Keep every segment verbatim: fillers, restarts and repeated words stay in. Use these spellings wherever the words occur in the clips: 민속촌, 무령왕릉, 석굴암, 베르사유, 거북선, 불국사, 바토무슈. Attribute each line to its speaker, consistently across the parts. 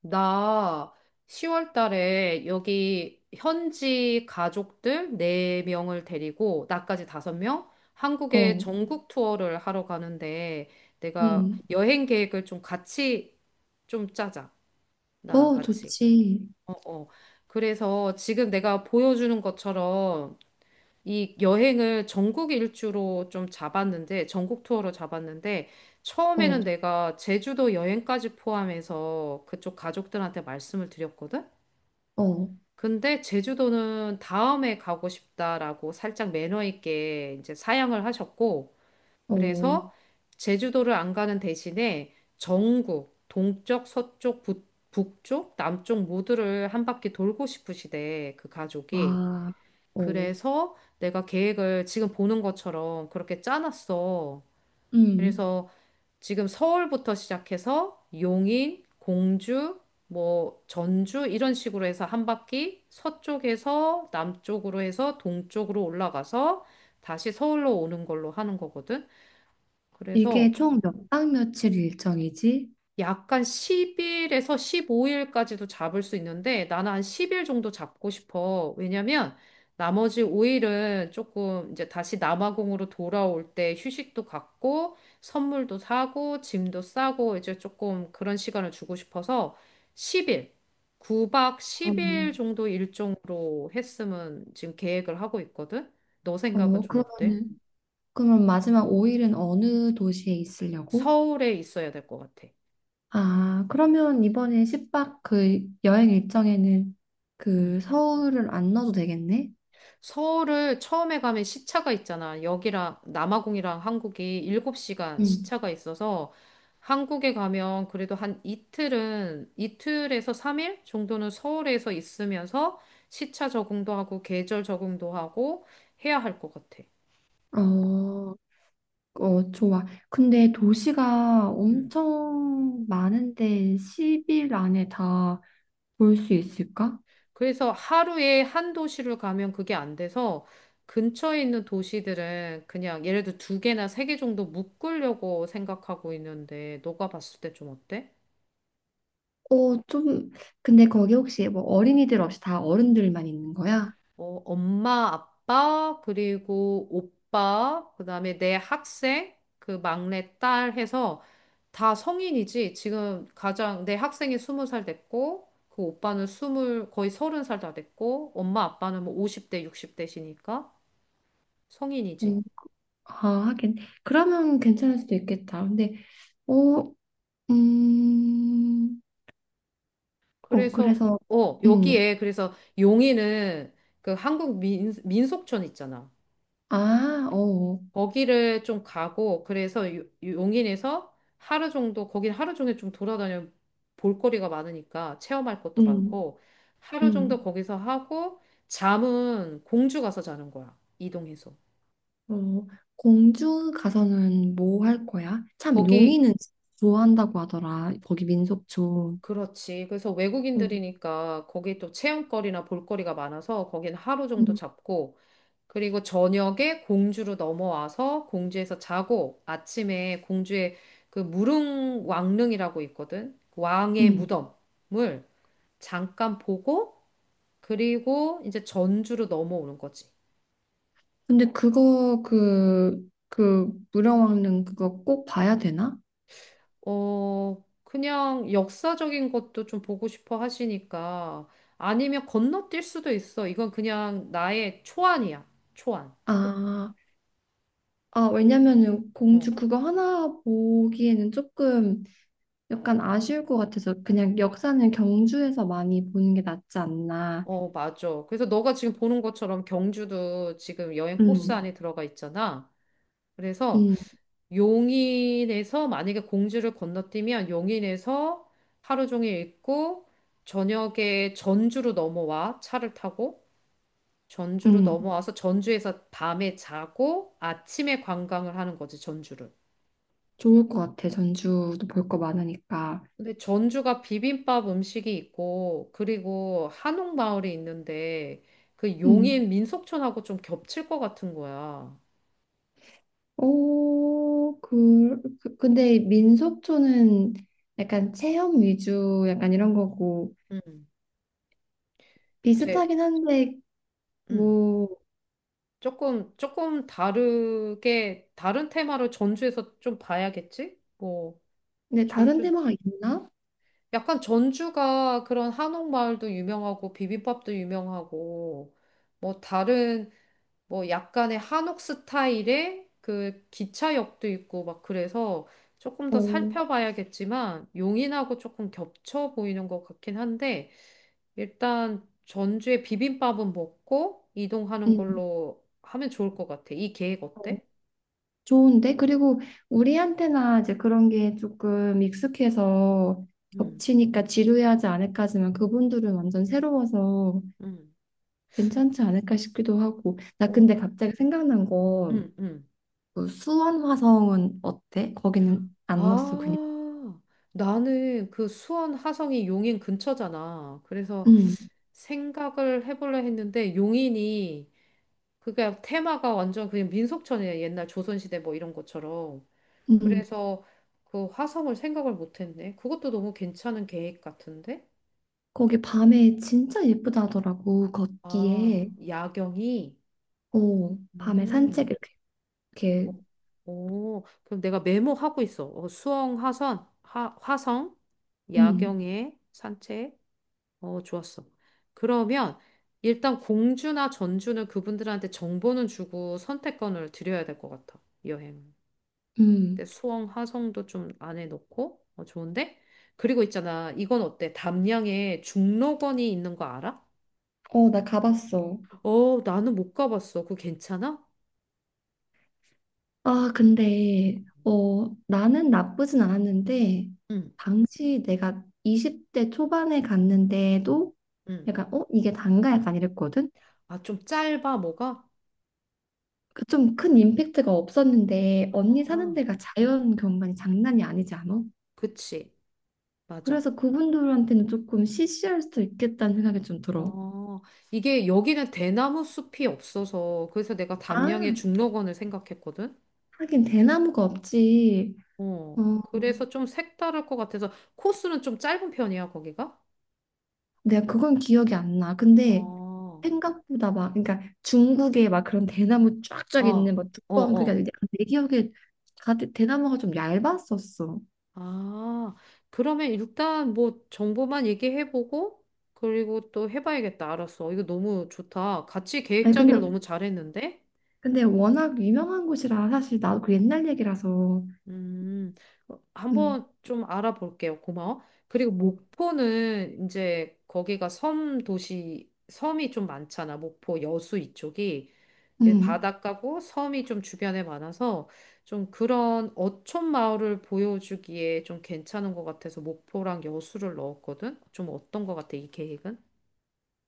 Speaker 1: 나 시월 달에 여기 현지 가족들 네 명을 데리고 나까지 다섯 명 한국의
Speaker 2: 어,
Speaker 1: 전국 투어를 하러 가는데 내가
Speaker 2: 음,
Speaker 1: 여행 계획을 좀 같이 좀 짜자. 나랑
Speaker 2: 어,
Speaker 1: 같이.
Speaker 2: 좋지.
Speaker 1: 어, 어. 그래서 지금 내가 보여주는 것처럼 이 여행을 전국 일주로 좀 잡았는데 전국 투어로 잡았는데
Speaker 2: 어,
Speaker 1: 처음에는 내가 제주도 여행까지 포함해서 그쪽 가족들한테 말씀을 드렸거든.
Speaker 2: 어,
Speaker 1: 근데 제주도는 다음에 가고 싶다라고 살짝 매너 있게 이제 사양을 하셨고,
Speaker 2: 어,
Speaker 1: 그래서 제주도를 안 가는 대신에 전국, 동쪽, 서쪽, 북, 북쪽, 남쪽 모두를 한 바퀴 돌고 싶으시대, 그 가족이.
Speaker 2: 와, 어,
Speaker 1: 그래서 내가 계획을 지금 보는 것처럼 그렇게 짜놨어.
Speaker 2: 음.
Speaker 1: 그래서 지금 서울부터 시작해서 용인, 공주, 뭐 전주 이런 식으로 해서 한 바퀴 서쪽에서 남쪽으로 해서 동쪽으로 올라가서 다시 서울로 오는 걸로 하는 거거든.
Speaker 2: 이게
Speaker 1: 그래서
Speaker 2: 총 몇 박 며칠 일정이지?
Speaker 1: 약간 십 일에서 십오 일까지도 잡을 수 있는데 나는 한 십 일 정도 잡고 싶어. 왜냐면 나머지 오 일은 조금 이제 다시 남아공으로 돌아올 때 휴식도 갖고 선물도 사고 짐도 싸고 이제 조금 그런 시간을 주고 싶어서 십 일, 구 박
Speaker 2: 어,
Speaker 1: 십 일 정도 일정으로 했으면 지금 계획을 하고 있거든. 너 생각은
Speaker 2: 어,
Speaker 1: 좀 어때?
Speaker 2: 그러면은, 그럼 마지막 오 일은 어느 도시에 있으려고?
Speaker 1: 서울에 있어야 될 것 같아.
Speaker 2: 아, 그러면 이번에 십 박 그 여행 일정에는 그 서울을 안 넣어도 되겠네?
Speaker 1: 서울을 처음에 가면 시차가 있잖아. 여기랑 남아공이랑 한국이 일곱 시간
Speaker 2: 응,
Speaker 1: 시차가 있어서 한국에 가면 그래도 한 이틀은 이틀에서 삼 일 정도는 서울에서 있으면서 시차 적응도 하고 계절 적응도 하고 해야 할 것 같아.
Speaker 2: 어, 어, 좋아. 근데 도시가
Speaker 1: 음.
Speaker 2: 엄청 많은데 십 일 안에 다 볼 수 있을까?
Speaker 1: 그래서 하루에 한 도시를 가면 그게 안 돼서 근처에 있는 도시들은 그냥 예를 들어 두 개나 세 개 정도 묶으려고 생각하고 있는데 너가 봤을 때 좀 어때?
Speaker 2: 어, 좀, 근데 거기 혹시 뭐 어린이들 없이 다 어른들만 있는 거야?
Speaker 1: 어, 엄마, 아빠, 그리고 오빠, 그다음에 내 학생, 그 막내 딸 해서 다 성인이지. 지금 가장 내 학생이 스무 살 됐고, 그 오빠는 스물 거의 서른 살 다 됐고, 엄마, 아빠는 뭐 오십 대, 육십 대시니까 성인이지.
Speaker 2: 어, 아, 하긴. 그러면 괜찮을 수도 있겠다. 근데, 어, 음, 어,
Speaker 1: 그래서
Speaker 2: 그래서,
Speaker 1: 어,
Speaker 2: 음,
Speaker 1: 여기에 그래서 용인은 그 한국 민, 민속촌 있잖아.
Speaker 2: 아, 어, 어,
Speaker 1: 거기를 좀 가고 그래서 요- 용인에서 하루 정도 거긴 하루 종일 좀 돌아다녀 볼거리가 많으니까 체험할 것도
Speaker 2: 음,
Speaker 1: 많고 하루 정도
Speaker 2: 음,
Speaker 1: 거기서 하고 잠은 공주 가서 자는 거야. 이동해서.
Speaker 2: 어, 공주 가서는 뭐 할 거야? 참,
Speaker 1: 거기
Speaker 2: 용인은 좋아한다고 하더라. 거기 민속촌.
Speaker 1: 그렇지. 그래서
Speaker 2: 음,
Speaker 1: 외국인들이니까 거기 또 체험거리나 볼거리가 많아서 거긴 하루 정도
Speaker 2: 음,
Speaker 1: 잡고 그리고 저녁에 공주로 넘어와서 공주에서 자고 아침에 공주의 그 무릉 왕릉이라고 있거든. 그 왕의
Speaker 2: 음.
Speaker 1: 무덤을 잠깐 보고 그리고 이제 전주로 넘어오는 거지.
Speaker 2: 근데 그거 그, 그 무령왕릉 그거 꼭 봐야 되나?
Speaker 1: 어, 그냥 역사적인 것도 좀 보고 싶어 하시니까 아니면 건너뛸 수도 있어. 이건 그냥 나의 초안이야. 초안.
Speaker 2: 아, 아 왜냐면은
Speaker 1: 어.
Speaker 2: 공주 그거 하나 보기에는 조금 약간 아쉬울 것 같아서 그냥 역사는 경주에서 많이 보는 게 낫지 않나.
Speaker 1: 어, 맞아. 그래서 너가 지금 보는 것처럼 경주도 지금 여행 코스
Speaker 2: 음,
Speaker 1: 안에 들어가 있잖아. 그래서
Speaker 2: 음,
Speaker 1: 용인에서 만약에 공주를 건너뛰면 용인에서 하루 종일 있고 저녁에 전주로 넘어와 차를 타고 전주로
Speaker 2: 음.
Speaker 1: 넘어와서 전주에서 밤에 자고 아침에 관광을 하는 거지 전주를.
Speaker 2: 좋을 것 같아. 전주도 볼 거 많으니까.
Speaker 1: 근데 전주가 비빔밥 음식이 있고 그리고 한옥마을이 있는데 그
Speaker 2: 음.
Speaker 1: 용인 민속촌하고 좀 겹칠 것 같은 거야.
Speaker 2: 오, 그, 그 근데 민속촌은 약간 체험 위주 약간 이런 거고
Speaker 1: 음. 제
Speaker 2: 비슷하긴 한데
Speaker 1: 음.
Speaker 2: 뭐
Speaker 1: 조금, 조금 다르게, 다른 테마로 전주에서 좀 봐야겠지? 뭐,
Speaker 2: 근데 다른
Speaker 1: 전주,
Speaker 2: 테마가 있나?
Speaker 1: 약간 전주가 그런 한옥마을도 유명하고, 비빔밥도 유명하고, 뭐, 다른, 뭐, 약간의 한옥 스타일의 그 기차역도 있고, 막 그래서 조금
Speaker 2: 어,
Speaker 1: 더 살펴봐야겠지만, 용인하고 조금 겹쳐 보이는 것 같긴 한데, 일단 전주의 비빔밥은 먹고, 이동하는
Speaker 2: 음,
Speaker 1: 걸로 하면 좋을 것 같아. 이 계획
Speaker 2: 어,
Speaker 1: 어때?
Speaker 2: 좋은데 그리고 우리한테나 이제 그런 게 조금 익숙해서
Speaker 1: 음,
Speaker 2: 겹치니까 지루해하지 않을까지만 그분들은 완전 새로워서
Speaker 1: 음,
Speaker 2: 괜찮지 않을까 싶기도 하고 나
Speaker 1: 어.
Speaker 2: 근데 갑자기 생각난 거그
Speaker 1: 음, 음.
Speaker 2: 수원 화성은 어때? 거기는 안 넣었어 그냥.
Speaker 1: 아, 나는 그 수원 화성이 용인 근처잖아. 그래서
Speaker 2: 음,
Speaker 1: 생각을 해보려 했는데 용인이 그게 테마가 완전 그냥 민속촌이야. 옛날 조선시대 뭐 이런 것처럼.
Speaker 2: 음.
Speaker 1: 그래서 그 화성을 생각을 못했네. 그것도 너무 괜찮은 계획 같은데?
Speaker 2: 거기 밤에 진짜 예쁘다더라고
Speaker 1: 아,
Speaker 2: 걷기에.
Speaker 1: 야경이?
Speaker 2: 어, 밤에 산책
Speaker 1: 음.
Speaker 2: 이렇게
Speaker 1: 어, 오, 그럼 내가 메모하고 있어. 어, 수영, 하선, 하, 화성,
Speaker 2: 음,
Speaker 1: 야경에 산책. 어, 좋았어. 그러면 일단 공주나 전주는 그분들한테 정보는 주고 선택권을 드려야 될 것 같아. 여행. 근데
Speaker 2: 음.
Speaker 1: 수영, 화성도 좀 안에 넣고. 어, 좋은데? 그리고 있잖아. 이건 어때? 담양에 중록원이 있는 거 알아?
Speaker 2: 어, 나 가봤어.
Speaker 1: 어, 나는 못 가봤어. 그거 괜찮아?
Speaker 2: 아, 근데, 어, 나는 나쁘진 않았는데,
Speaker 1: 응,
Speaker 2: 당시 내가 이십 대 초반에 갔는데도
Speaker 1: 응.
Speaker 2: 약간, 어, 이게 단가 약간 이랬거든?
Speaker 1: 아, 좀 짧아, 뭐가?
Speaker 2: 그 좀 큰 임팩트가 없었는데, 언니 사는
Speaker 1: 아,
Speaker 2: 데가 자연 경관이 장난이 아니지 않아?
Speaker 1: 그치. 맞아.
Speaker 2: 그래서 그분들한테는 조금 시시할 수도 있겠다는 생각이 좀 들어.
Speaker 1: 어, 이게 여기는 대나무 숲이 없어서 그래서 내가
Speaker 2: 아,
Speaker 1: 담양의 중록원을 생각했거든.
Speaker 2: 하긴 대나무가 없지.
Speaker 1: 어,
Speaker 2: 어,
Speaker 1: 그래서 좀 색다를 것 같아서 코스는 좀 짧은 편이야, 거기가?
Speaker 2: 내가 그건 기억이 안 나. 근데
Speaker 1: 어,
Speaker 2: 생각보다 막 그러니까 중국에 막 그런 대나무
Speaker 1: 어,
Speaker 2: 쫙쫙
Speaker 1: 어,
Speaker 2: 있는 막 두꺼운 그게
Speaker 1: 어.
Speaker 2: 아니라 내 기억에 다 대- 대나무가 좀 얇았었어.
Speaker 1: 아, 그러면 일단 뭐 정보만 얘기해보고 그리고 또 해봐야겠다. 알았어. 이거 너무 좋다. 같이 계획
Speaker 2: 아니
Speaker 1: 짜기를
Speaker 2: 근데
Speaker 1: 너무 잘했는데?
Speaker 2: 근데 워낙 유명한 곳이라 사실 나도 그 옛날 얘기라서
Speaker 1: 음, 어,
Speaker 2: 음,
Speaker 1: 한번 좀 알아볼게요. 고마워. 그리고 목포는 이제 거기가 섬 도시, 섬이 좀 많잖아. 목포 여수 이쪽이. 예,
Speaker 2: 음.
Speaker 1: 바닷가고 섬이 좀 주변에 많아서 좀 그런 어촌 마을을 보여주기에 좀 괜찮은 것 같아서 목포랑 여수를 넣었거든. 좀 어떤 것 같아, 이 계획은?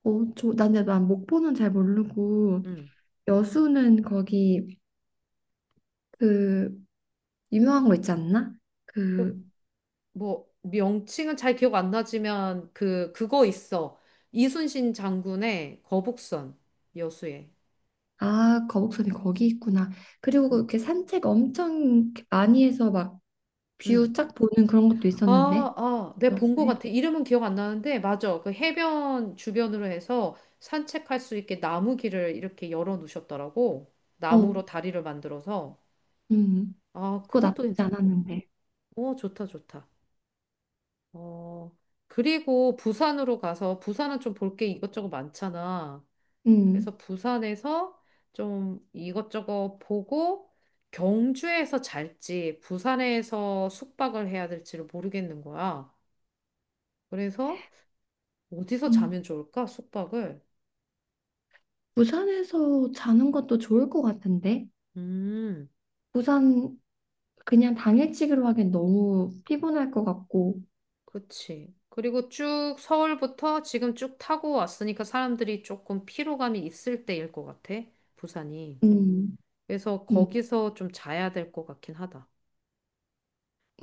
Speaker 2: 어, 저, 난, 근데 난 목포는 잘 모르고
Speaker 1: 음.
Speaker 2: 여수는 거기 그 유명한 거 있지 않나?
Speaker 1: 그
Speaker 2: 그
Speaker 1: 뭐, 명칭은 잘 기억 안 나지만 그, 그거 있어. 이순신 장군의 거북선 여수에.
Speaker 2: 아 거북선이 거기 있구나. 그리고
Speaker 1: 음,
Speaker 2: 이렇게 산책 엄청 많이 해서 막 뷰
Speaker 1: 음.
Speaker 2: 쫙 보는 그런 것도 있었는데.
Speaker 1: 아, 아,
Speaker 2: 그
Speaker 1: 내가
Speaker 2: 렇
Speaker 1: 본 것
Speaker 2: 요
Speaker 1: 같아. 이름은 기억 안 나는데, 맞아. 그 해변 주변으로 해서 산책할 수 있게 나무 길을 이렇게 열어 놓으셨더라고.
Speaker 2: 어,
Speaker 1: 나무로 다리를 만들어서.
Speaker 2: 음,
Speaker 1: 아,
Speaker 2: 그거
Speaker 1: 그것도
Speaker 2: 나쁘지
Speaker 1: 괜찮을 것 같아.
Speaker 2: 않았는데.
Speaker 1: 오, 좋다, 좋다. 어, 그리고 부산으로 가서, 부산은 좀 볼 게 이것저것 많잖아.
Speaker 2: 음,
Speaker 1: 그래서 부산에서 좀 이것저것 보고, 경주에서 잘지, 부산에서 숙박을 해야 될지를 모르겠는 거야. 그래서 어디서
Speaker 2: 음,
Speaker 1: 자면 좋을까? 숙박을.
Speaker 2: 부산에서 자는 것도 좋을 것 같은데.
Speaker 1: 음,
Speaker 2: 부산 그냥 당일치기로 하기엔 너무 피곤할 것 같고.
Speaker 1: 그치. 그리고 쭉 서울부터 지금 쭉 타고 왔으니까 사람들이 조금 피로감이 있을 때일 것 같아, 부산이.
Speaker 2: 음,
Speaker 1: 그래서
Speaker 2: 음,
Speaker 1: 거기서 좀 자야 될 것 같긴 하다.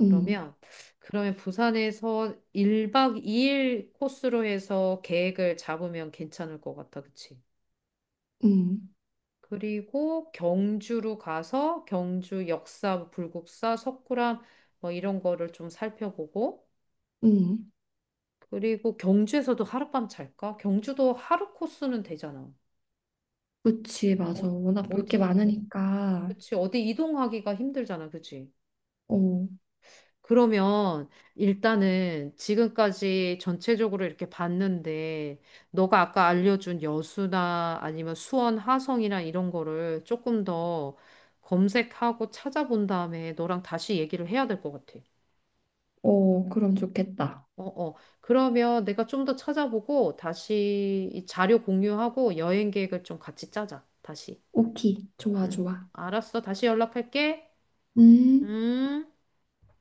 Speaker 2: 음,
Speaker 1: 그러면 부산에서 일 박 이 일 코스로 해서 계획을 잡으면 괜찮을 것 같아, 그치?
Speaker 2: 음,
Speaker 1: 그리고 경주로 가서 경주 역사, 불국사, 석굴암 뭐 이런 거를 좀 살펴보고,
Speaker 2: 음.
Speaker 1: 그리고 경주에서도 하룻밤 잘까? 경주도 하루 코스는 되잖아.
Speaker 2: 그치,
Speaker 1: 어,
Speaker 2: 맞아. 워낙 볼 게
Speaker 1: 어디,
Speaker 2: 많으니까.
Speaker 1: 그치, 어디 이동하기가 힘들잖아, 그치?
Speaker 2: 어,
Speaker 1: 그러면 일단은 지금까지 전체적으로 이렇게 봤는데, 너가 아까 알려준 여수나 아니면 수원, 하성이나 이런 거를 조금 더 검색하고 찾아본 다음에 너랑 다시 얘기를 해야 될 것 같아.
Speaker 2: 어, 그럼 좋겠다.
Speaker 1: 어, 어. 그러면 내가 좀 더 찾아보고 다시 이 자료 공유하고 여행 계획을 좀 같이 짜자. 다시.
Speaker 2: 오케이, 좋아,
Speaker 1: 음.
Speaker 2: 좋아.
Speaker 1: 알았어. 다시 연락할게.
Speaker 2: 음.
Speaker 1: 음.